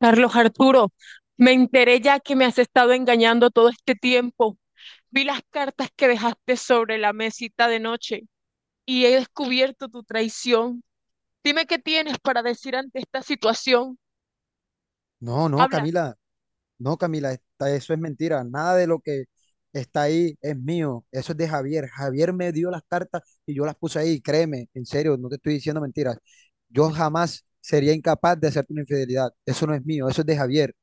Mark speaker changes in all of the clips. Speaker 1: Carlos Arturo, me enteré ya que me has estado engañando todo este tiempo. Vi las cartas que dejaste sobre la mesita de noche y he descubierto tu traición. Dime qué tienes para decir ante esta situación.
Speaker 2: No, no,
Speaker 1: Habla.
Speaker 2: Camila, no, Camila, eso es mentira. Nada de lo que está ahí es mío. Eso es de Javier. Javier me dio las cartas y yo las puse ahí. Créeme, en serio, no te estoy diciendo mentiras. Yo jamás sería incapaz de hacerte una infidelidad. Eso no es mío, eso es de Javier.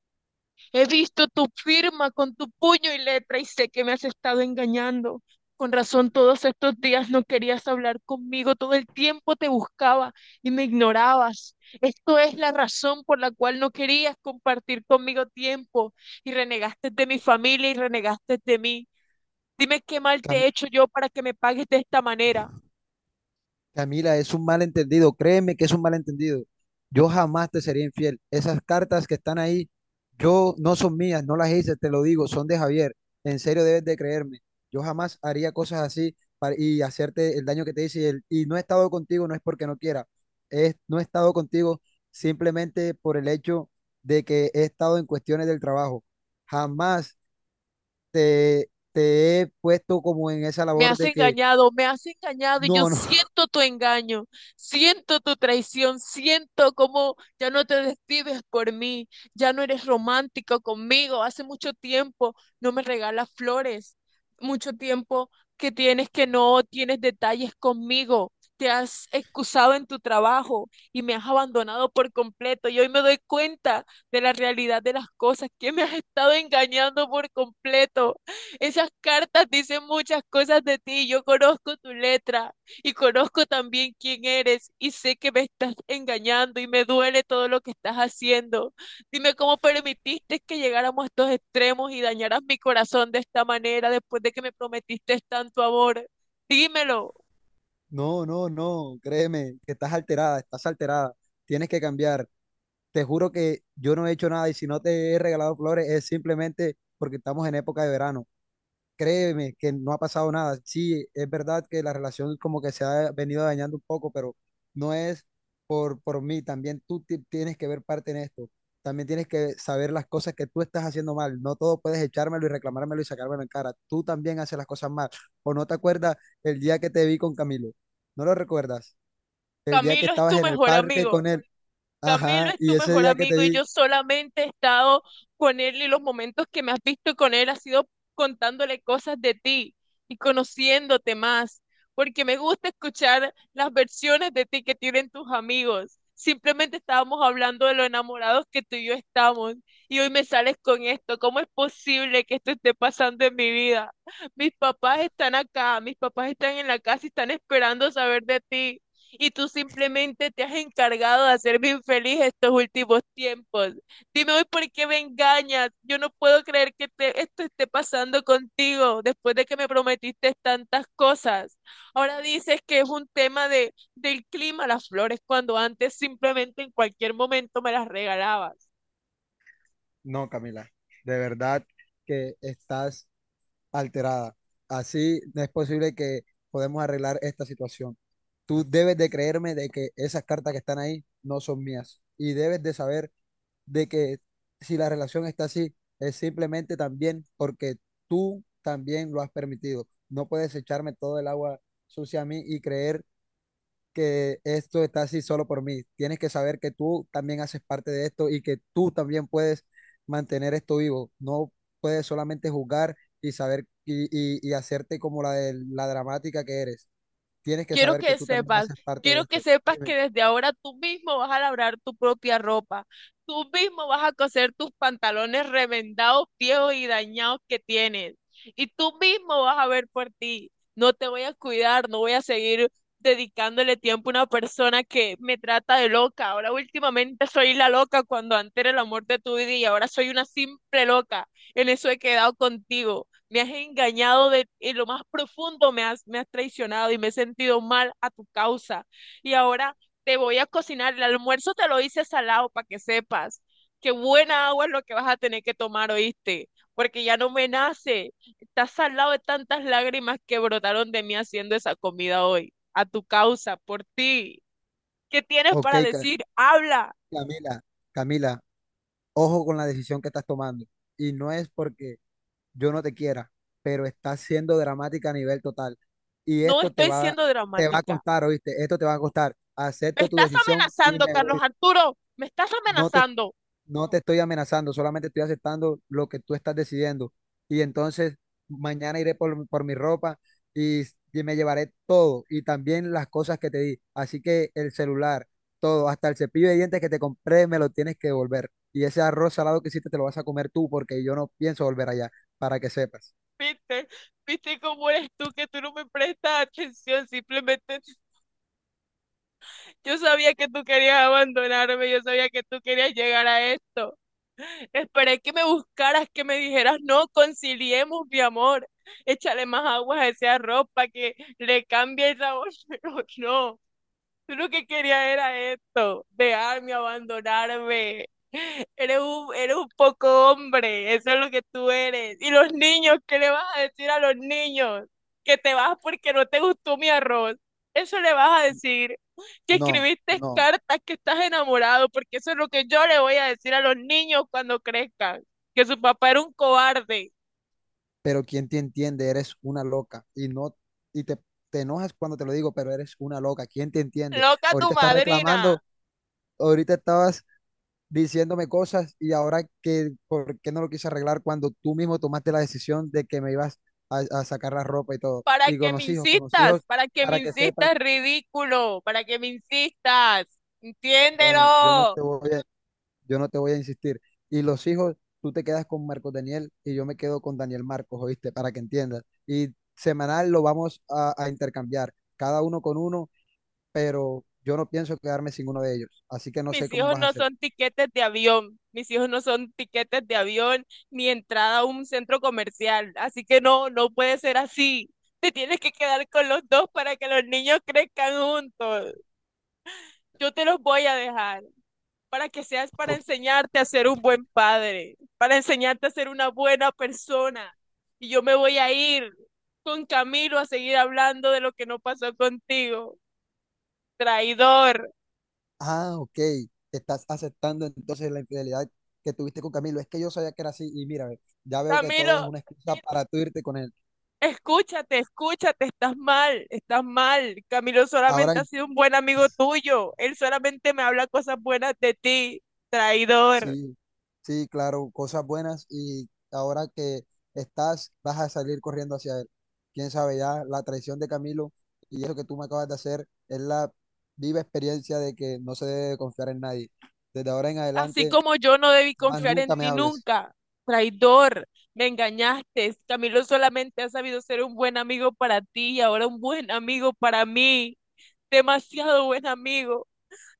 Speaker 1: He visto tu firma con tu puño y letra y sé que me has estado engañando. Con razón, todos estos días no querías hablar conmigo, todo el tiempo te buscaba y me ignorabas. Esto es la razón por la cual no querías compartir conmigo tiempo y renegaste de mi familia y renegaste de mí. Dime qué mal te he
Speaker 2: Cam-
Speaker 1: hecho yo para que me pagues de esta manera.
Speaker 2: Camila, es un malentendido, créeme que es un malentendido. Yo jamás te sería infiel. Esas cartas que están ahí, yo no son mías, no las hice, te lo digo, son de Javier. En serio debes de creerme. Yo jamás haría cosas así hacerte el daño que te hice. Y no he estado contigo, no es porque no quiera. Es, no he estado contigo simplemente por el hecho de que he estado en cuestiones del trabajo. Jamás te he puesto como en esa labor de que
Speaker 1: Me has engañado y yo
Speaker 2: no, no.
Speaker 1: siento tu engaño, siento tu traición, siento cómo ya no te despides por mí, ya no eres romántico conmigo. Hace mucho tiempo no me regalas flores, mucho tiempo que tienes que no tienes detalles conmigo. Te has excusado en tu trabajo y me has abandonado por completo. Y hoy me doy cuenta de la realidad de las cosas, que me has estado engañando por completo. Esas cartas dicen muchas cosas de ti. Yo conozco tu letra y conozco también quién eres y sé que me estás engañando y me duele todo lo que estás haciendo. Dime cómo permitiste que llegáramos a estos extremos y dañaras mi corazón de esta manera después de que me prometiste tanto amor. Dímelo.
Speaker 2: No, no, no, créeme, que estás alterada, tienes que cambiar. Te juro que yo no he hecho nada y si no te he regalado flores es simplemente porque estamos en época de verano. Créeme que no ha pasado nada. Sí, es verdad que la relación como que se ha venido dañando un poco, pero no es por mí. También tú tienes que ver parte en esto. También tienes que saber las cosas que tú estás haciendo mal. No todo puedes echármelo y reclamármelo y sacármelo en cara. Tú también haces las cosas mal. ¿O no te acuerdas el día que te vi con Camilo? ¿No lo recuerdas? El día que
Speaker 1: Camilo es
Speaker 2: estabas
Speaker 1: tu
Speaker 2: en el
Speaker 1: mejor
Speaker 2: parque
Speaker 1: amigo.
Speaker 2: con él.
Speaker 1: Camilo
Speaker 2: Ajá.
Speaker 1: es
Speaker 2: Y
Speaker 1: tu
Speaker 2: ese
Speaker 1: mejor
Speaker 2: día que te
Speaker 1: amigo y
Speaker 2: vi.
Speaker 1: yo solamente he estado con él y los momentos que me has visto con él ha sido contándole cosas de ti y conociéndote más, porque me gusta escuchar las versiones de ti que tienen tus amigos. Simplemente estábamos hablando de lo enamorados que tú y yo estamos y hoy me sales con esto. ¿Cómo es posible que esto esté pasando en mi vida? Mis papás están acá, mis papás están en la casa y están esperando saber de ti y tú simplemente te has encargado de hacerme infeliz estos últimos tiempos. Dime hoy por qué me engañas. Yo no puedo creer que esto esté pasando contigo después de que me prometiste tantas cosas. Ahora dices que es un tema del clima, las flores, cuando antes simplemente en cualquier momento me las regalabas.
Speaker 2: No, Camila. De verdad que estás alterada. Así no es posible que podemos arreglar esta situación. Tú debes de creerme de que esas cartas que están ahí no son mías y debes de saber de que si la relación está así es simplemente también porque tú también lo has permitido. No puedes echarme todo el agua sucia a mí y creer que esto está así solo por mí. Tienes que saber que tú también haces parte de esto y que tú también puedes mantener esto vivo. No puedes solamente jugar y saber y hacerte como la de la dramática que eres. Tienes que
Speaker 1: Quiero
Speaker 2: saber que
Speaker 1: que
Speaker 2: tú también
Speaker 1: sepas,
Speaker 2: haces parte de
Speaker 1: quiero que
Speaker 2: esto.
Speaker 1: sepas
Speaker 2: Dime.
Speaker 1: que desde ahora tú mismo vas a labrar tu propia ropa. Tú mismo vas a coser tus pantalones remendados, viejos y dañados que tienes. Y tú mismo vas a ver por ti. No te voy a cuidar, no voy a seguir dedicándole tiempo a una persona que me trata de loca. Ahora últimamente soy la loca cuando antes era el amor de tu vida y ahora soy una simple loca. En eso he quedado contigo me has engañado en lo más profundo, me has traicionado y me he sentido mal a tu causa. Y ahora te voy a cocinar, el almuerzo te lo hice salado para que sepas que buena agua es lo que vas a tener que tomar, ¿oíste? Porque ya no me nace, estás salado de tantas lágrimas que brotaron de mí haciendo esa comida hoy, a tu causa, por ti. ¿Qué tienes
Speaker 2: Ok,
Speaker 1: para
Speaker 2: Ca-
Speaker 1: decir? Habla,
Speaker 2: Camila, Camila, ojo con la decisión que estás tomando. Y no es porque yo no te quiera, pero estás siendo dramática a nivel total. Y
Speaker 1: no
Speaker 2: esto
Speaker 1: estoy siendo
Speaker 2: te va a
Speaker 1: dramática.
Speaker 2: costar, ¿oíste? Esto te va a costar.
Speaker 1: Me
Speaker 2: Acepto tu
Speaker 1: estás
Speaker 2: decisión y
Speaker 1: amenazando,
Speaker 2: me
Speaker 1: Carlos
Speaker 2: voy.
Speaker 1: Arturo, me estás
Speaker 2: No te,
Speaker 1: amenazando.
Speaker 2: no te estoy amenazando, solamente estoy aceptando lo que tú estás decidiendo. Y entonces mañana iré por mi ropa y, y me llevaré todo y también las cosas que te di. Así que el celular, todo, hasta el cepillo de dientes que te compré, me lo tienes que devolver. Y ese arroz salado que hiciste te lo vas a comer tú porque yo no pienso volver allá, para que sepas.
Speaker 1: Viste, viste cómo eres tú, que tú no me prestas atención, simplemente yo sabía que tú querías abandonarme, yo sabía que tú querías llegar a esto. Esperé que me buscaras, que me dijeras, no, conciliemos, mi amor, échale más aguas a ese arroz para que le cambie el sabor, pero no. Yo lo que quería era esto, dejarme abandonarme. Eres un poco hombre, eso es lo que tú eres. Y los niños, ¿qué le vas a decir a los niños? Que te vas porque no te gustó mi arroz. Eso le vas a decir. Que
Speaker 2: No,
Speaker 1: escribiste
Speaker 2: no,
Speaker 1: cartas, que estás enamorado, porque eso es lo que yo le voy a decir a los niños cuando crezcan. Que su papá era un cobarde.
Speaker 2: pero ¿quién te entiende? Eres una loca y no, y te enojas cuando te lo digo, pero eres una loca, ¿quién te entiende?
Speaker 1: Loca tu
Speaker 2: Ahorita estás
Speaker 1: madrina.
Speaker 2: reclamando, ahorita estabas diciéndome cosas y ahora que, ¿por qué no lo quise arreglar cuando tú mismo tomaste la decisión de que me ibas a sacar la ropa y todo?
Speaker 1: Para
Speaker 2: Y
Speaker 1: que me
Speaker 2: con los
Speaker 1: insistas,
Speaker 2: hijos,
Speaker 1: para que me
Speaker 2: para que sepas,
Speaker 1: insistas, ridículo, para que me insistas,
Speaker 2: bueno,
Speaker 1: entiéndelo.
Speaker 2: yo no te voy a insistir. Y los hijos, tú te quedas con Marcos Daniel y yo me quedo con Daniel Marcos, ¿oíste? Para que entiendas. Y semanal lo vamos a intercambiar, cada uno con uno, pero yo no pienso quedarme sin uno de ellos. Así que no sé
Speaker 1: Mis
Speaker 2: cómo
Speaker 1: hijos
Speaker 2: vas a
Speaker 1: no
Speaker 2: hacer.
Speaker 1: son tiquetes de avión, mis hijos no son tiquetes de avión ni entrada a un centro comercial, así que no, no puede ser así. Te tienes que quedar con los dos para que los niños crezcan juntos. Yo te los voy a dejar. Para que seas para
Speaker 2: Ok.
Speaker 1: enseñarte a ser un buen padre, para enseñarte a ser una buena persona. Y yo me voy a ir con Camilo a seguir hablando de lo que no pasó contigo. Traidor.
Speaker 2: Ah, ok. Estás aceptando entonces la infidelidad que tuviste con Camilo. Es que yo sabía que era así y mira, ve, ya veo que todo es
Speaker 1: Camilo,
Speaker 2: una excusa para tú irte con él.
Speaker 1: escúchate, escúchate, estás mal, estás mal. Camilo
Speaker 2: Ahora
Speaker 1: solamente ha sido un buen amigo tuyo. Él solamente me habla cosas buenas de ti. Traidor.
Speaker 2: sí, sí, claro, cosas buenas y ahora que estás, vas a salir corriendo hacia él. Quién sabe ya, la traición de Camilo y eso que tú me acabas de hacer es la viva experiencia de que no se debe confiar en nadie. Desde ahora en
Speaker 1: Así
Speaker 2: adelante,
Speaker 1: como yo no debí
Speaker 2: más
Speaker 1: confiar en
Speaker 2: nunca me
Speaker 1: ti
Speaker 2: hables.
Speaker 1: nunca, traidor, me engañaste. Camilo solamente ha sabido ser un buen amigo para ti y ahora un buen amigo para mí, demasiado buen amigo,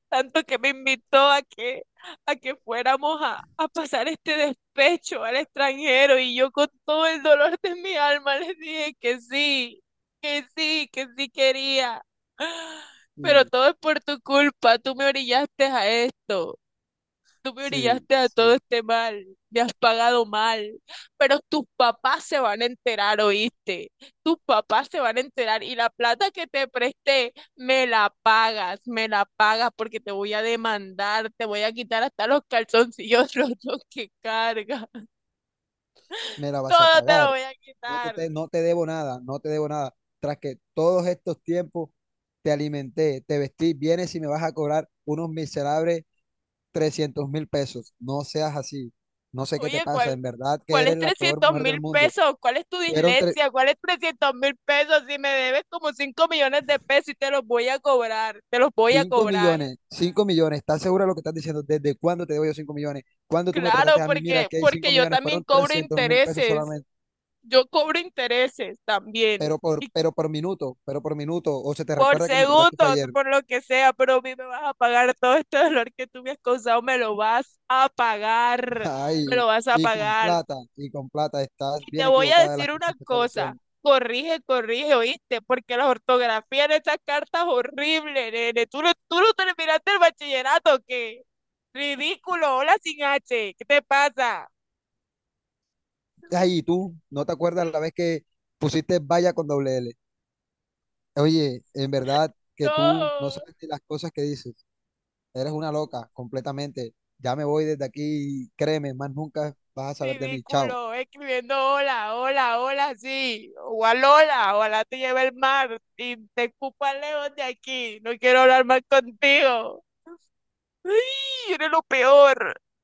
Speaker 1: tanto que me invitó a que fuéramos a pasar este despecho al extranjero y yo con todo el dolor de mi alma les dije que sí, que sí, que sí quería. ¡Ah! Pero
Speaker 2: Y
Speaker 1: todo es por tu culpa, tú me orillaste a esto. Tú me
Speaker 2: sí,
Speaker 1: brillaste a todo
Speaker 2: sí,
Speaker 1: este mal, me has pagado mal, pero tus papás se van a enterar, ¿oíste? Tus papás se van a enterar y la plata que te presté, me la pagas porque te voy a demandar, te voy a quitar hasta los calzoncillos rotos que cargas,
Speaker 2: me la vas a
Speaker 1: todo te lo
Speaker 2: pagar.
Speaker 1: voy a quitar.
Speaker 2: No te debo nada, no te debo nada. Tras que todos estos tiempos te alimenté, te vestí, vienes y me vas a cobrar unos miserables 300.000 pesos. No seas así. No sé qué te
Speaker 1: Oye,
Speaker 2: pasa. En verdad que
Speaker 1: ¿cuál es
Speaker 2: eres la peor
Speaker 1: 300
Speaker 2: mujer del
Speaker 1: mil
Speaker 2: mundo.
Speaker 1: pesos? ¿Cuál es tu
Speaker 2: Fueron
Speaker 1: dislexia? ¿Cuál es 300 mil pesos? Si me debes como 5 millones de pesos y te los voy a cobrar, te los voy a
Speaker 2: cinco
Speaker 1: cobrar.
Speaker 2: millones. 5 millones. ¿Estás segura de lo que estás diciendo? ¿Desde cuándo te debo yo 5 millones? ¿Cuándo tú me prestaste
Speaker 1: Claro,
Speaker 2: a mí? Mira, que hay 5
Speaker 1: porque yo
Speaker 2: millones.
Speaker 1: también
Speaker 2: Fueron
Speaker 1: cobro
Speaker 2: 300.000 pesos
Speaker 1: intereses.
Speaker 2: solamente.
Speaker 1: Yo cobro intereses también. Y
Speaker 2: Pero por minuto. Pero por minuto. O se te
Speaker 1: por
Speaker 2: recuerda que me prestaste fue
Speaker 1: segundos,
Speaker 2: ayer.
Speaker 1: por lo que sea, pero a mí me vas a pagar todo este dolor que tú me has causado, me lo vas a pagar. Me
Speaker 2: Ay.
Speaker 1: lo vas a pagar.
Speaker 2: Y con plata, estás
Speaker 1: Y te
Speaker 2: bien
Speaker 1: voy a
Speaker 2: equivocada de las
Speaker 1: decir una
Speaker 2: cosas que estás
Speaker 1: cosa.
Speaker 2: diciendo.
Speaker 1: Corrige, corrige, ¿oíste? Porque la ortografía en esas cartas es horrible, nene. Tú no terminaste el bachillerato, ¿qué? Ridículo, hola sin H. ¿Qué te pasa?
Speaker 2: Ay, ¿y tú no te acuerdas la vez que pusiste valla con doble L? Oye, en verdad que tú no
Speaker 1: No.
Speaker 2: sabes ni las cosas que dices. Eres una loca completamente. Ya me voy desde aquí y créeme, más nunca vas a saber de mí. Chao.
Speaker 1: Ridículo, escribiendo hola, hola, hola, sí, o alola, ojalá te lleve el mar y te escupa lejos de aquí, no quiero hablar más contigo. ¡Ay, eres lo peor!